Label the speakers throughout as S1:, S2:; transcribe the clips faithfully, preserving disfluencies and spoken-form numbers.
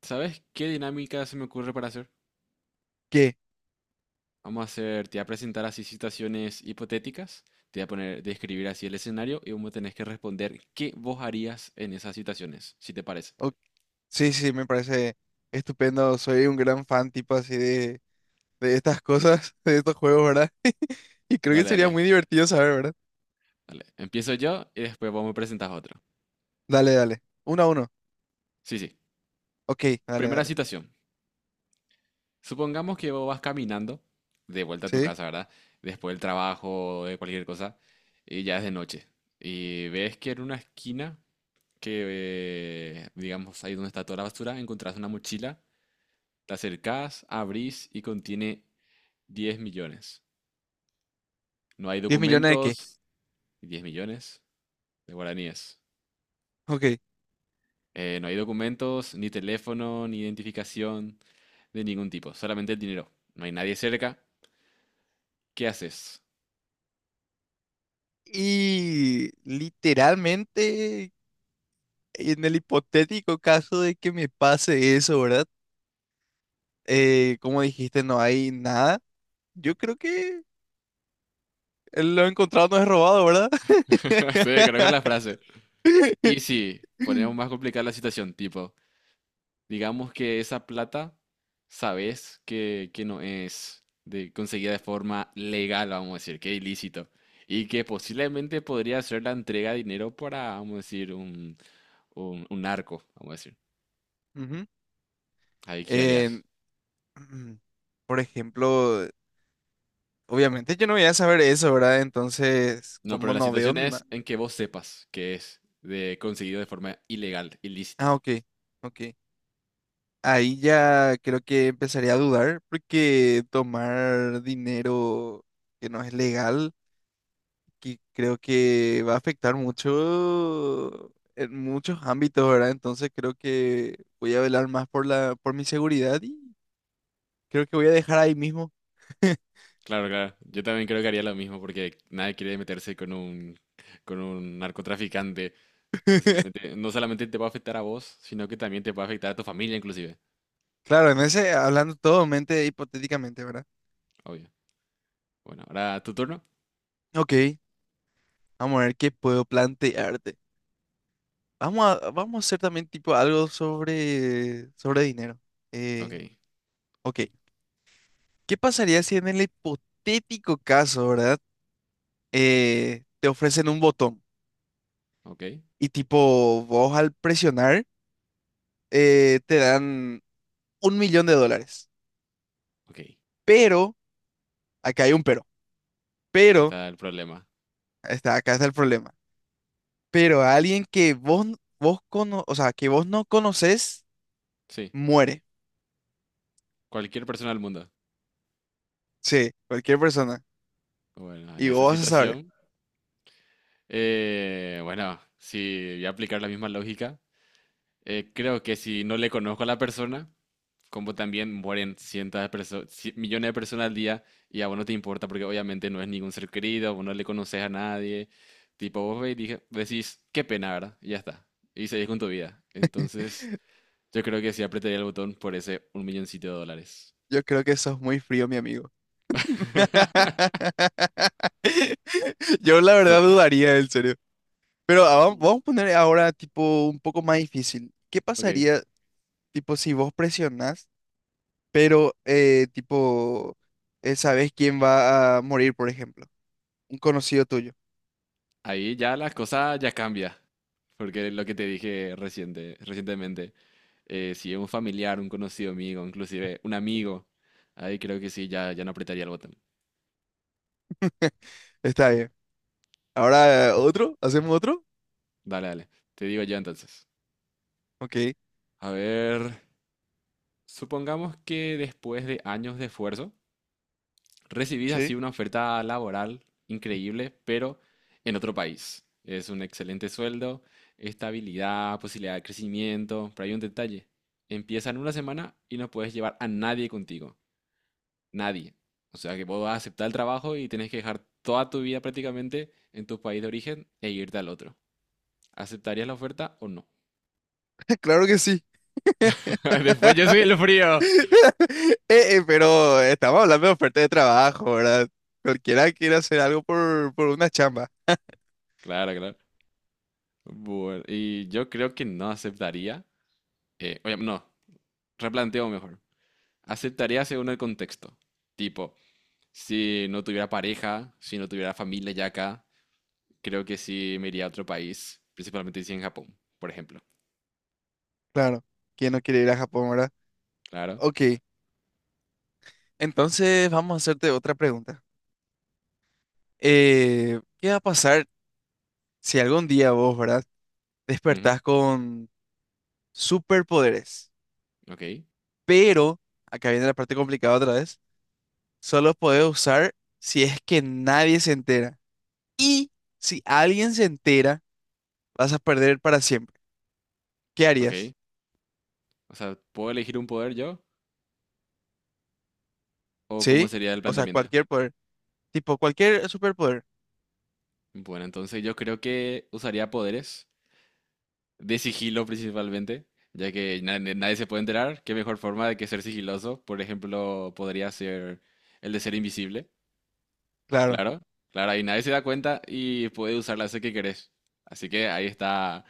S1: ¿Sabes qué dinámica se me ocurre para hacer?
S2: ¿Qué?
S1: Vamos a hacer, te voy a presentar así situaciones hipotéticas, te voy a poner, describir así el escenario y vos me tenés que responder qué vos harías en esas situaciones, si te parece.
S2: O- sí, sí, me parece estupendo. Soy un gran fan, tipo así, de, de estas cosas, de estos juegos, ¿verdad? Y creo que
S1: Dale,
S2: sería muy
S1: dale,
S2: divertido saber, ¿verdad?
S1: dale. Empiezo yo y después vos me presentás otro.
S2: Dale, dale. Uno a uno.
S1: Sí, sí.
S2: Ok, dale,
S1: Primera
S2: dale.
S1: situación. Supongamos que vos vas caminando de vuelta a tu
S2: ¿Sí?
S1: casa, ¿verdad? Después del trabajo, de cualquier cosa, y ya es de noche. Y ves que en una esquina, que eh, digamos ahí donde está toda la basura, encontrás una mochila. Te acercás, abrís y contiene diez millones. No hay
S2: ¿Diez millones de qué?
S1: documentos, diez millones de guaraníes.
S2: Ok.
S1: Eh, no hay documentos, ni teléfono, ni identificación de ningún tipo, solamente el dinero. No hay nadie cerca. ¿Qué haces?
S2: Y literalmente, en el hipotético caso de que me pase eso, ¿verdad? Eh, como dijiste, no hay nada. Yo creo que lo encontrado no es robado, ¿verdad?
S1: Sí, conozco la frase. Y sí, ponemos más complicada la situación, tipo, digamos que esa plata, sabes que, que no es de, conseguida de forma legal, vamos a decir, que ilícito. Y que posiblemente podría ser la entrega de dinero para, vamos a decir, un, un, un narco, vamos a decir.
S2: Ujú.
S1: Ahí qué harías.
S2: En- Mm, Por ejemplo, obviamente yo no voy a saber eso, ¿verdad? Entonces,
S1: No, pero
S2: como
S1: la
S2: no veo
S1: situación es
S2: nada.
S1: en que vos sepas que es de, conseguido de forma ilegal, ilícito.
S2: Ah, ok, ok. Ahí ya creo que empezaría a dudar porque tomar dinero que no es legal, que creo que va a afectar mucho en muchos ámbitos, ¿verdad? Entonces creo que voy a velar más por la, por mi seguridad y creo que voy a dejar ahí mismo.
S1: Claro, claro. Yo también creo que haría lo mismo porque nadie quiere meterse con un, con un narcotraficante. Posiblemente, no solamente te va a afectar a vos, sino que también te va a afectar a tu familia, inclusive.
S2: Claro, en ese, hablando todo mente hipotéticamente, ¿verdad?
S1: Obvio. Bueno, ahora tu turno.
S2: Ok. Vamos a ver qué puedo plantearte. Vamos a, vamos a hacer también tipo algo sobre, sobre dinero.
S1: Ok,
S2: Eh, ok, ¿qué pasaría si en el hipotético caso, ¿verdad? Eh, te ofrecen un botón
S1: ok,
S2: y tipo vos al presionar eh, te dan un millón de dólares.
S1: ok.
S2: Pero, acá hay un pero, pero,
S1: Está el problema.
S2: está, acá está el problema. Pero a alguien que vos, n- vos cono, o sea, que vos no conoces,
S1: Sí,
S2: muere.
S1: cualquier persona del mundo.
S2: Sí, cualquier persona.
S1: Bueno, en
S2: Y
S1: esa
S2: vos vas a saber.
S1: situación, eh, bueno, si voy a aplicar la misma lógica, eh, creo que si no le conozco a la persona, como también mueren cientos de personas, millones de personas al día, y a vos no te importa porque obviamente no es ningún ser querido, vos no le conoces a nadie. Tipo, vos ve y dije, decís, qué pena, ¿verdad? Y ya está. Y seguís con tu vida. Entonces, yo creo que sí apretaría el botón por ese un milloncito de dólares.
S2: Yo creo que sos muy frío, mi amigo. Yo la
S1: So-
S2: verdad dudaría, en serio. Pero ah, vam-
S1: Mm.
S2: vamos a poner ahora tipo un poco más difícil. ¿Qué
S1: Ok,
S2: pasaría, tipo, si vos presionás, pero eh, tipo, eh, sabés quién va a morir, por ejemplo? Un conocido tuyo.
S1: ahí ya la cosa ya cambia. Porque lo que te dije reciente, recientemente, eh, si es un familiar, un conocido amigo, inclusive un amigo, ahí creo que sí, ya, ya no apretaría el botón.
S2: Está bien. Ahora, ¿otro? ¿Hacemos otro?
S1: Dale, dale. Te digo yo entonces.
S2: Ok.
S1: A ver, supongamos que después de años de esfuerzo, recibís
S2: Sí.
S1: así una oferta laboral increíble, pero en otro país. Es un excelente sueldo, estabilidad, posibilidad de crecimiento, pero hay un detalle. Empieza en una semana y no puedes llevar a nadie contigo. Nadie. O sea que vos vas a aceptar el trabajo y tenés que dejar toda tu vida prácticamente en tu país de origen e irte al otro. ¿Aceptarías la oferta o no?
S2: Claro que sí.
S1: Después yo soy el frío.
S2: Eh, eh, pero estamos hablando de oferta de trabajo, ¿verdad? Cualquiera quiere hacer algo por, por una chamba.
S1: Claro, claro. Bueno, y yo creo que no aceptaría, eh, oye, no, replanteo mejor. Aceptaría según el contexto. Tipo, si no tuviera pareja, si no tuviera familia ya acá, creo que sí me iría a otro país, principalmente si en Japón, por ejemplo.
S2: Claro. ¿Quién no quiere ir a Japón, verdad?
S1: Claro.
S2: Ok. Entonces vamos a hacerte otra pregunta. Eh, ¿qué va a pasar si algún día vos, ¿verdad?
S1: Ujú.
S2: Despertás con superpoderes.
S1: Ok,
S2: Pero, acá viene la parte complicada otra vez, solo podés usar si es que nadie se entera. Y si alguien se entera, vas a perder para siempre. ¿Qué harías?
S1: ok. O sea, ¿puedo elegir un poder yo? ¿O cómo
S2: Sí,
S1: sería el
S2: o sea,
S1: planteamiento?
S2: cualquier poder, tipo cualquier superpoder,
S1: Bueno, entonces yo creo que usaría poderes de sigilo principalmente, ya que na- na- nadie se puede enterar. ¿Qué mejor forma de que ser sigiloso? Por ejemplo, podría ser el de ser invisible,
S2: claro.
S1: claro, claro, ahí nadie se da cuenta y puede usar la hacer que querés. Así que ahí está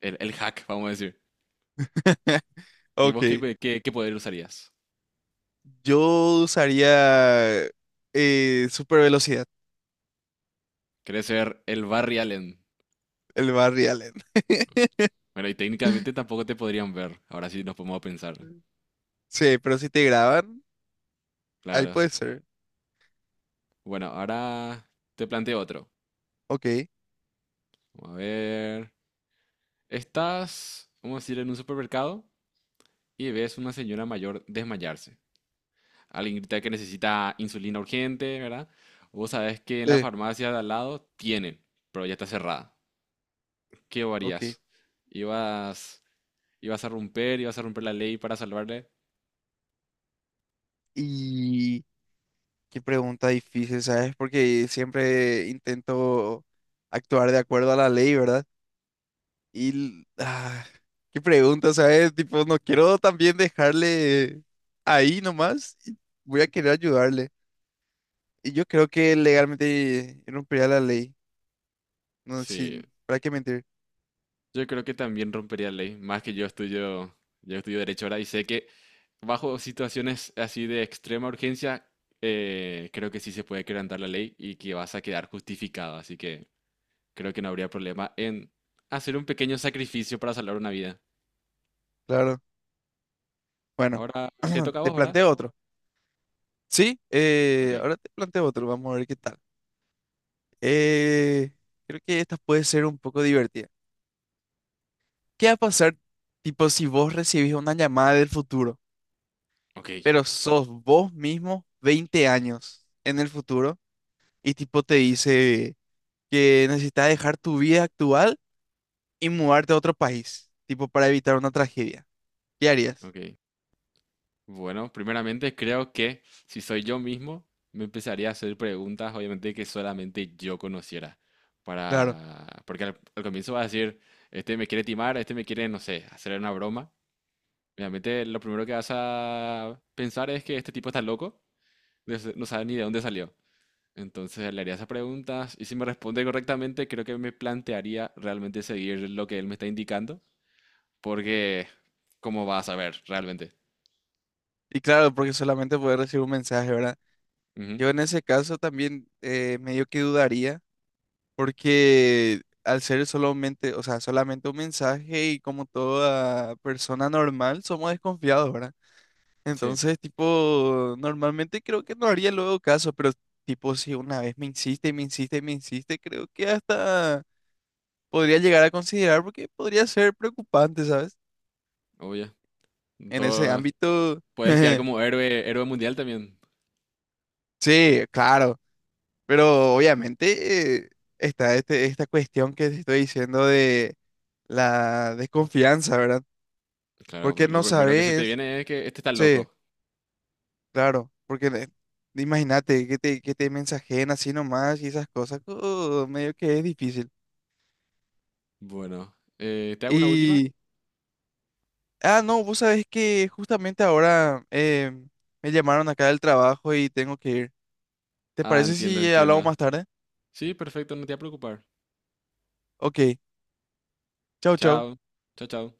S1: el, el hack, vamos a decir. ¿Y vos qué,
S2: Ok,
S1: pe- qué, qué poder usarías?
S2: yo usaría eh, super velocidad,
S1: ¿Querés ser el Barry Allen?
S2: el Barry Allen.
S1: Bueno, y técnicamente tampoco te podrían ver. Ahora sí nos podemos pensar.
S2: Sí, pero si te graban, ahí
S1: Claro.
S2: puede ser.
S1: Bueno, ahora te planteo otro.
S2: Ok,
S1: Vamos a ver. Estás, vamos a decir, en un supermercado y ves una señora mayor desmayarse. Alguien grita que necesita insulina urgente, ¿verdad? Vos sabés que en la
S2: sí,
S1: farmacia de al lado tienen, pero ya está cerrada. ¿Qué
S2: ok.
S1: harías? ¿Ibas, ibas a romper, ibas a romper la ley para salvarle?
S2: Y qué pregunta difícil, ¿sabes? Porque siempre intento actuar de acuerdo a la ley, ¿verdad? Y, l- ah, qué pregunta, ¿sabes? Tipo, no quiero también dejarle ahí nomás. y Voy a querer ayudarle. Y yo creo que legalmente rompería la ley. No,
S1: Sí,
S2: sin, ¿para qué mentir?
S1: yo creo que también rompería la ley, más que yo estudio, yo estudio derecho ahora y sé que bajo situaciones así de extrema urgencia, eh, creo que sí se puede quebrantar la ley y que vas a quedar justificado. Así que creo que no habría problema en hacer un pequeño sacrificio para salvar una vida.
S2: Claro. Bueno,
S1: Ahora te toca a
S2: te
S1: vos, ¿verdad?
S2: planteo otro. Sí,
S1: Ok,
S2: eh, ahora te planteo otro. Vamos a ver qué tal. Eh, creo que esta puede ser un poco divertida. ¿Qué va a pasar, tipo, si vos recibís una llamada del futuro,
S1: ok,
S2: pero sos vos mismo veinte años en el futuro? Y tipo te dice que necesitas dejar tu vida actual y mudarte a otro país, tipo para evitar una tragedia. ¿Qué harías?
S1: ok. Bueno, primeramente creo que si soy yo mismo, me empezaría a hacer preguntas, obviamente, que solamente yo conociera.
S2: Claro.
S1: Para... Porque al, al comienzo vas a decir, este me quiere timar, este me quiere, no sé, hacer una broma. Obviamente, lo primero que vas a pensar es que este tipo está loco, no sa- no sabe ni de dónde salió. Entonces le haría esas preguntas y si me responde correctamente, creo que me plantearía realmente seguir lo que él me está indicando, porque ¿cómo vas a saber realmente?
S2: Y claro, porque solamente puedes recibir un mensaje, ¿verdad?
S1: Ujú.
S2: Yo en ese caso también eh, medio que dudaría, porque al ser solamente, o sea, solamente un mensaje y como toda persona normal, somos desconfiados, ¿verdad?
S1: Sí,
S2: Entonces, tipo, normalmente creo que no haría luego caso, pero tipo, si una vez me insiste y me insiste y me insiste, creo que hasta podría llegar a considerar porque podría ser preocupante, ¿sabes?
S1: obvio.
S2: En ese
S1: Todo,
S2: ámbito.
S1: puedes quedar como héroe, héroe mundial también.
S2: Sí, claro, pero obviamente eh, está este, esta cuestión que te estoy diciendo de la desconfianza, ¿verdad?
S1: Claro, pero
S2: Porque
S1: lo
S2: no
S1: primero que se te
S2: sabes,
S1: viene es que este está
S2: sí,
S1: loco.
S2: claro, porque de- imagínate que te, que te mensajen así nomás y esas cosas, uh, medio que es difícil.
S1: Bueno, eh, ¿te hago una última?
S2: Y, ah, no, vos sabés que justamente ahora eh, me llamaron acá del trabajo y tengo que ir. ¿Te
S1: Ah,
S2: parece
S1: entienda,
S2: si eh, hablamos
S1: entienda.
S2: más tarde?
S1: Sí, perfecto, no te voy a preocupar.
S2: Ok, chau, chau.
S1: Chao, chao, chao.